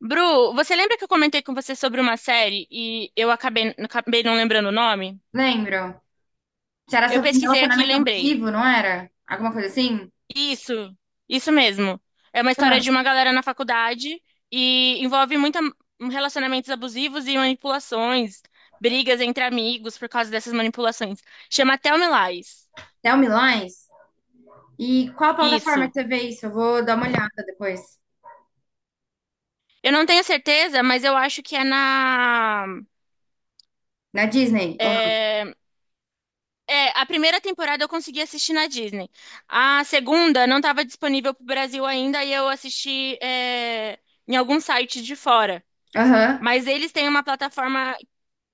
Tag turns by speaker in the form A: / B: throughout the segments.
A: Bru, você lembra que eu comentei com você sobre uma série e eu acabei não lembrando o nome?
B: Lembro. Era
A: Eu
B: sobre um
A: pesquisei aqui e
B: relacionamento
A: lembrei.
B: abusivo, não era? Alguma coisa assim?
A: Isso, isso mesmo. É uma história
B: Ah,
A: de uma galera na faculdade e envolve muita relacionamentos abusivos e manipulações, brigas entre amigos por causa dessas manipulações. Chama Tell Me Lies.
B: Tell Me Lies. E qual plataforma que
A: Isso.
B: você vê isso? Eu vou dar uma olhada depois.
A: Eu não tenho certeza, mas eu acho que é na
B: Na Disney, ou não?
A: é, é, a primeira temporada eu consegui assistir na Disney. A segunda não estava disponível para o Brasil ainda e eu assisti em algum site de fora.
B: Aham.
A: Mas eles têm uma plataforma,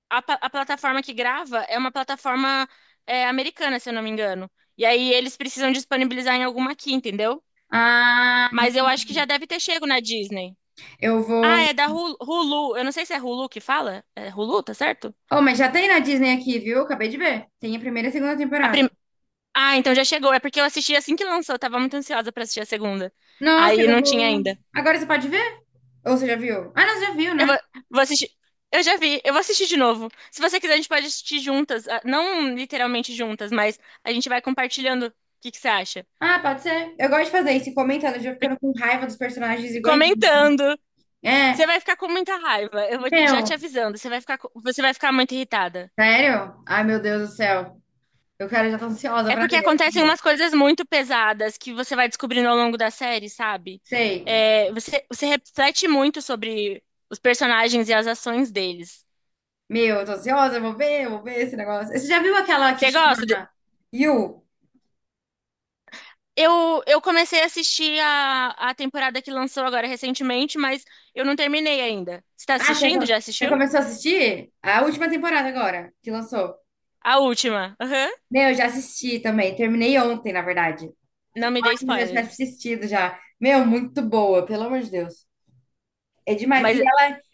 A: a plataforma que grava é uma plataforma americana, se eu não me engano. E aí eles precisam disponibilizar em alguma aqui, entendeu?
B: Ah,
A: Mas eu acho que já deve ter chego na Disney.
B: eu
A: Ah, é
B: vou.
A: da Hulu. Hulu. Eu não sei se é Hulu que fala. É Hulu, tá certo?
B: Oh, mas já tem na Disney aqui, viu? Acabei de ver. Tem a primeira e a segunda
A: A
B: temporada.
A: Ah, então já chegou. É porque eu assisti assim que lançou. Eu tava muito ansiosa pra assistir a segunda.
B: Nossa,
A: Aí
B: eu
A: não tinha
B: vou.
A: ainda.
B: Agora você pode ver? Ou você já viu? Ah, não, você já viu,
A: Eu
B: né?
A: vou, vou assistir. Eu já vi. Eu vou assistir de novo. Se você quiser, a gente pode assistir juntas. Ah, não literalmente juntas, mas a gente vai compartilhando o que que você acha.
B: Ah, pode ser. Eu gosto de fazer isso, ir comentando, já
A: Porque-
B: ficando com raiva dos personagens iguais.
A: Comentando. Você
B: É,
A: vai ficar com muita raiva. Eu vou já te
B: meu.
A: avisando. Você vai você vai ficar muito irritada.
B: Sério? Ai, meu Deus do céu. Eu, cara, já tô ansiosa
A: É
B: pra
A: porque
B: ver.
A: acontecem umas coisas muito pesadas que você vai descobrindo ao longo da série, sabe?
B: Sei.
A: É, você reflete muito sobre os personagens e as ações deles.
B: Meu, eu tô ansiosa, eu vou ver esse negócio. Você já viu aquela que
A: Você gosta? de-
B: chama You?
A: Eu comecei a assistir a temporada que lançou agora recentemente, mas eu não terminei ainda. Você tá
B: Ah,
A: assistindo? Já
B: você
A: assistiu?
B: começou a assistir? A última temporada agora, que lançou.
A: A última. Aham.
B: Meu, eu já assisti também. Terminei ontem, na verdade. Eu
A: Não me dê
B: acho que você já tivesse
A: spoilers.
B: assistido já. Meu, muito boa, pelo amor de Deus. É demais.
A: Mas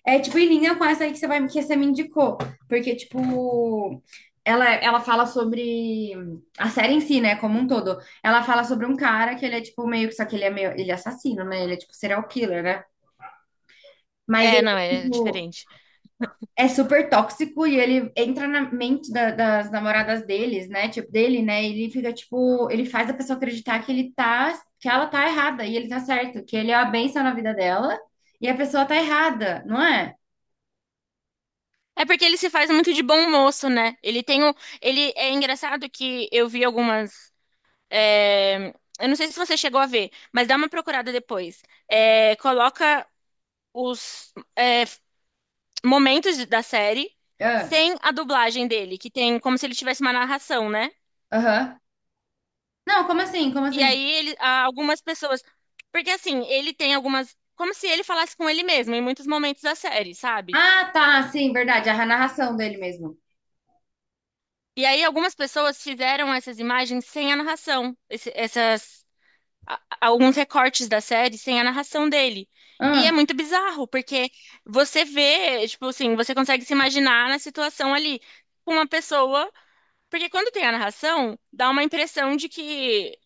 B: É tipo em linha com essa aí que você vai que você me indicou, porque tipo ela fala sobre a série em si, né, como um todo. Ela fala sobre um cara que ele é tipo meio que só que ele é meio ele é assassino, né? Ele é tipo serial killer, né? Mas
A: é,
B: ele
A: não, é
B: tipo
A: diferente.
B: é super tóxico e ele entra na mente das namoradas deles, né? Tipo dele, né? Ele fica tipo ele faz a pessoa acreditar que ele tá que ela tá errada e ele tá certo, que ele é a bênção na vida dela e a pessoa tá errada, não é?
A: É porque ele se faz muito de bom moço, né? Ele tem ele é engraçado que eu vi é, eu não sei se você chegou a ver, mas dá uma procurada depois. É, coloca os é, momentos da série
B: Ah,
A: sem a dublagem dele, que tem como se ele tivesse uma narração, né?
B: aham. Não, como assim? Como
A: E
B: assim?
A: aí algumas pessoas, porque assim, ele tem algumas, como se ele falasse com ele mesmo em muitos momentos da série, sabe?
B: Ah, tá, sim, verdade. A narração dele mesmo.
A: E aí algumas pessoas fizeram essas imagens sem a narração, essas alguns recortes da série sem a narração dele. E é
B: Ah,
A: muito bizarro, porque você vê, tipo assim, você consegue se imaginar na situação ali com uma pessoa, porque quando tem a narração, dá uma impressão de que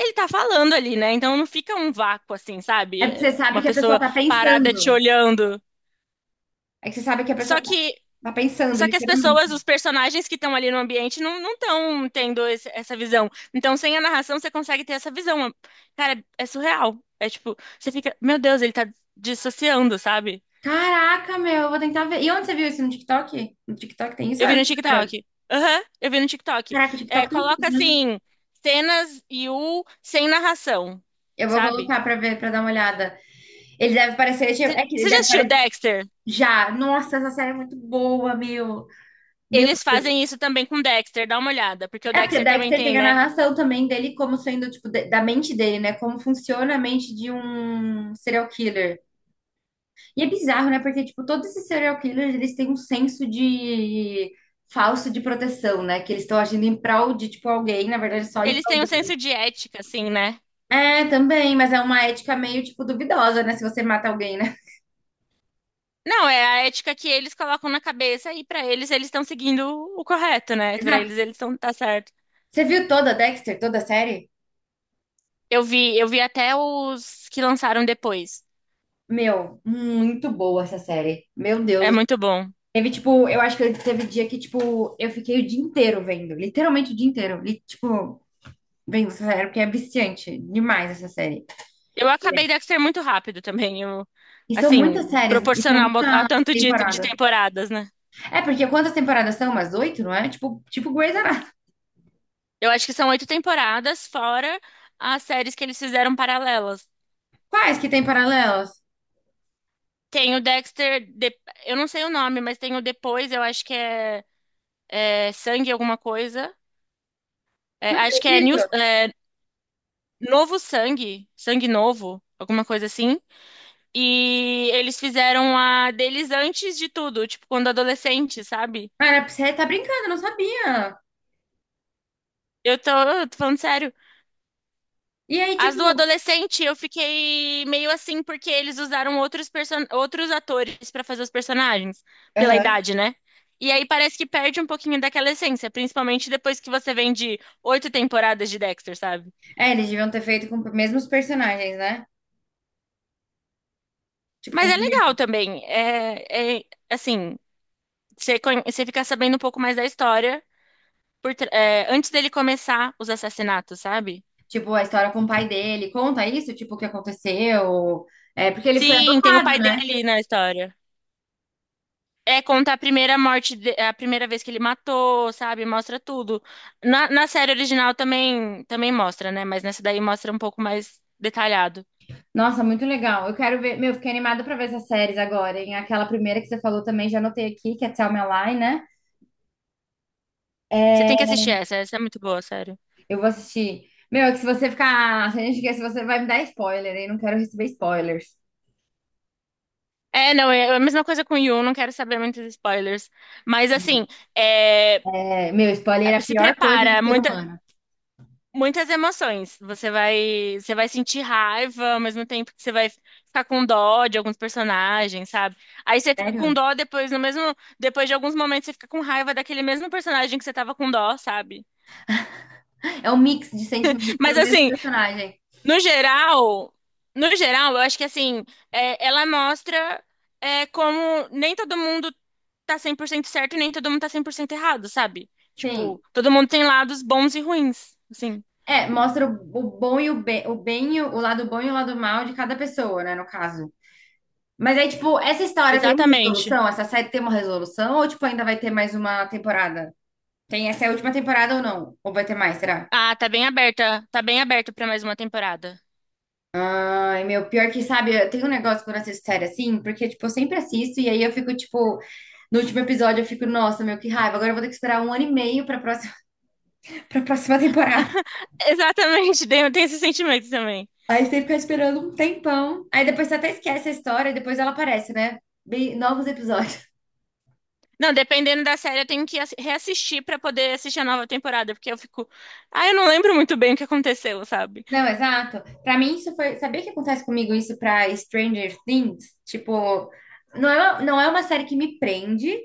A: ele tá falando ali, né? Então não fica um vácuo assim,
B: é
A: sabe?
B: porque você sabe
A: Uma
B: que a pessoa
A: pessoa
B: tá
A: parada te
B: pensando.
A: olhando.
B: É que você sabe que
A: Só que,
B: tá pensando,
A: só que as
B: literalmente.
A: pessoas, os personagens que estão ali no ambiente não estão tendo essa visão. Então, sem a narração, você consegue ter essa visão. Cara, é surreal. É tipo, você fica, meu Deus, ele tá dissociando, sabe?
B: Caraca, meu, eu vou tentar ver. E onde você viu isso? No TikTok? No TikTok tem isso?
A: Eu
B: Ou é
A: vi
B: no
A: no TikTok.
B: Instagram?
A: Aham, eu vi no TikTok.
B: Caraca, o
A: É,
B: TikTok tem tudo,
A: coloca
B: né?
A: assim, cenas e o sem narração,
B: Eu vou
A: sabe?
B: colocar pra ver, pra dar uma olhada. Ele deve parecer. Tipo,
A: Você
B: É que ele
A: você já
B: deve
A: assistiu
B: parecer.
A: Dexter?
B: Já. Nossa, essa série é muito boa, meu. Meu,
A: Eles fazem isso também com Dexter, dá uma olhada, porque o
B: é porque
A: Dexter também
B: Dexter
A: tem,
B: tem a
A: né?
B: narração também dele como sendo, tipo, da mente dele, né? Como funciona a mente de um serial killer. E é bizarro, né? Porque, tipo, todos esses serial killers, eles têm um senso de falso de proteção, né? Que eles estão agindo em prol de, tipo, alguém, na verdade, só em
A: Eles
B: prol
A: têm um
B: dele.
A: senso de ética, assim, né?
B: É, também, mas é uma ética meio, tipo, duvidosa, né? Se você mata alguém, né?
A: Não, é a ética que eles colocam na cabeça e pra eles eles estão seguindo o correto, né? Pra
B: Exato.
A: eles eles estão tá certo.
B: Você viu toda Dexter, toda a série?
A: Eu vi até os que lançaram depois.
B: Meu, muito boa essa série. Meu
A: É
B: Deus.
A: muito bom.
B: Teve, tipo, eu acho que teve dia que, tipo, eu fiquei o dia inteiro vendo. Literalmente o dia inteiro. Tipo, vendo essa série, porque é viciante demais essa série.
A: Eu acabei Dexter muito rápido
B: E são
A: assim,
B: muitas séries, e são
A: proporcional ao
B: muitas
A: tanto de
B: temporadas.
A: temporadas, né?
B: É, porque quantas temporadas são? Umas oito, não é? Tipo Grey's Anatomy.
A: Eu acho que são oito temporadas, fora as séries que eles fizeram paralelas.
B: Quais que tem paralelos?
A: Tem o eu não sei o nome, mas tem o depois, eu acho que é, é Sangue alguma coisa. É, acho que é New,
B: Acredito.
A: é Novo Sangue, Sangue Novo, alguma coisa assim. E eles fizeram a deles antes de tudo, tipo, quando adolescente, sabe?
B: Cara, você tá brincando, eu não sabia.
A: Eu tô falando sério.
B: E aí,
A: As do
B: tipo.
A: adolescente, eu fiquei meio assim, porque eles usaram outros atores pra fazer os personagens, pela
B: Aham.
A: idade, né? E aí parece que perde um pouquinho daquela essência, principalmente depois que você vem de oito temporadas de Dexter, sabe?
B: É, eles deviam ter feito com os mesmos personagens, né? Tipo, com
A: Mas
B: os
A: é legal também. É assim, você fica sabendo um pouco mais da história antes dele começar os assassinatos, sabe?
B: tipo, a história com o pai dele. Conta isso, tipo, o que aconteceu. É, porque ele foi
A: Sim, tem o
B: adotado,
A: pai
B: né?
A: dele na história. É, conta a a primeira vez que ele matou, sabe? Mostra tudo. Na série original também, também mostra, né? Mas nessa daí mostra um pouco mais detalhado.
B: Nossa, muito legal. Eu quero ver. Meu, fiquei animada pra ver essas séries agora, hein? Aquela primeira que você falou também, já anotei aqui, que é Tell Me a Lie, né?
A: Você
B: É,
A: tem que assistir essa, essa é muito boa, sério.
B: eu vou assistir. Meu, é que se você ficar. Se a gente quer, se você vai me dar spoiler, hein? Não quero receber spoilers.
A: É, não, é a mesma coisa com Yu, não quero saber muitos spoilers. Mas assim, é,
B: É, meu, spoiler é a
A: se
B: pior coisa do
A: prepara,
B: ser humano.
A: muitas emoções. Você vai sentir raiva, ao mesmo tempo que você vai ficar com dó de alguns personagens, sabe? Aí você fica com
B: Sério?
A: dó depois, no mesmo, depois de alguns momentos você fica com raiva daquele mesmo personagem que você tava com dó, sabe?
B: É um mix de sentimentos
A: Mas
B: pro mesmo
A: assim,
B: personagem.
A: no geral, no geral, eu acho que assim, ela mostra como nem todo mundo tá 100% certo e nem todo mundo tá 100% errado, sabe? Tipo,
B: Sim.
A: todo mundo tem lados bons e ruins, assim.
B: É, mostra o bom e o bem, e o lado bom e o lado mal de cada pessoa, né? No caso. Mas aí, tipo, essa história tem uma
A: Exatamente.
B: resolução? Essa série tem uma resolução? Ou, tipo, ainda vai ter mais uma temporada? Tem essa é a última temporada ou não? Ou vai ter mais, será?
A: Ah, tá bem aberta, tá bem aberto pra mais uma temporada.
B: Ai, meu, pior que, sabe, eu tenho um negócio quando eu assisto série assim, porque, tipo, eu sempre assisto e aí eu fico, tipo, no último episódio eu fico, nossa, meu, que raiva, agora eu vou ter que esperar um ano e meio pra próxima, pra próxima temporada.
A: Exatamente, tem esse sentimento também.
B: Aí você tem que ficar esperando um tempão. Aí depois você até esquece a história e depois ela aparece, né? Bem, novos episódios.
A: Não, dependendo da série, eu tenho que reassistir pra poder assistir a nova temporada, porque eu fico, ah, eu não lembro muito bem o que aconteceu, sabe?
B: Não, exato. Pra mim isso foi, sabia que acontece comigo isso pra Stranger Things? Tipo, não é uma série que me prende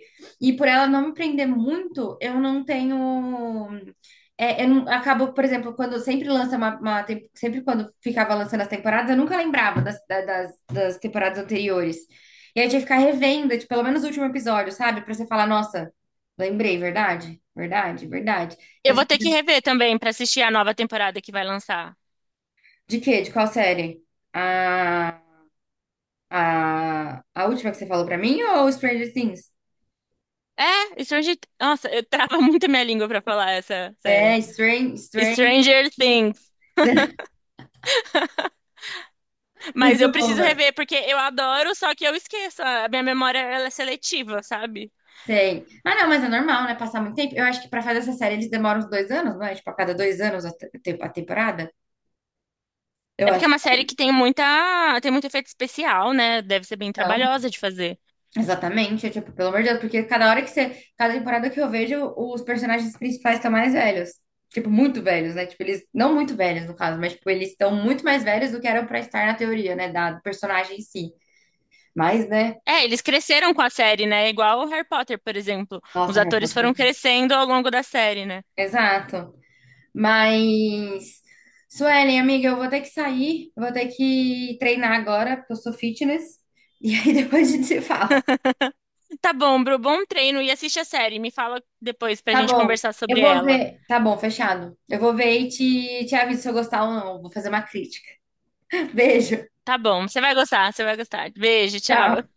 B: e por ela não me prender muito, eu não tenho, é, eu não, acabo, por exemplo, quando sempre lança sempre quando ficava lançando as temporadas, eu nunca lembrava das temporadas anteriores. E aí eu tinha que ficar revendo, tipo, pelo menos o último episódio, sabe? Pra você falar, nossa, lembrei, verdade? Verdade.
A: Eu
B: Pra você-
A: vou ter que rever também pra assistir a nova temporada que vai lançar.
B: De quê? De qual série? Ah, a última que você falou pra mim ou Stranger Things?
A: É, Stranger, nossa, eu trava muito a minha língua pra falar essa série.
B: É, Stranger
A: Stranger
B: Things.
A: Things, mas eu
B: Muito bom,
A: preciso
B: velho.
A: rever porque eu adoro, só que eu esqueço, a minha memória ela é seletiva, sabe?
B: Sei. Ah, não, mas é normal, né? Passar muito tempo. Eu acho que pra fazer essa série eles demoram uns 2 anos, não é? Tipo, a cada 2 anos a temporada. Eu
A: É porque é
B: acho
A: uma série que tem muita, tem muito efeito especial, né? Deve ser
B: que
A: bem
B: não.
A: trabalhosa de fazer.
B: Exatamente. É, tipo, pelo amor de Deus, porque cada hora que você. Cada temporada que eu vejo, os personagens principais estão mais velhos. Tipo, muito velhos, né? Tipo, eles. Não muito velhos, no caso, mas, tipo, eles estão muito mais velhos do que eram pra estar na teoria, né? Da do personagem em si. Mas, né?
A: É, eles cresceram com a série, né? Igual o Harry Potter, por exemplo.
B: Nossa,
A: Os
B: Harry
A: atores
B: Potter.
A: foram crescendo ao longo da série, né?
B: Exato. Mas, Suelen, amiga, eu vou ter que sair, vou ter que treinar agora, porque eu sou fitness. E aí depois a gente se fala.
A: Tá bom, Bru, bom treino e assiste a série. Me fala depois pra
B: Tá
A: gente
B: bom.
A: conversar
B: Eu
A: sobre
B: vou
A: ela.
B: ver. Tá bom, fechado. Eu vou ver e te aviso se eu gostar ou não. Vou fazer uma crítica. Beijo.
A: Tá bom, você vai gostar, você vai gostar. Beijo, tchau.
B: Tchau.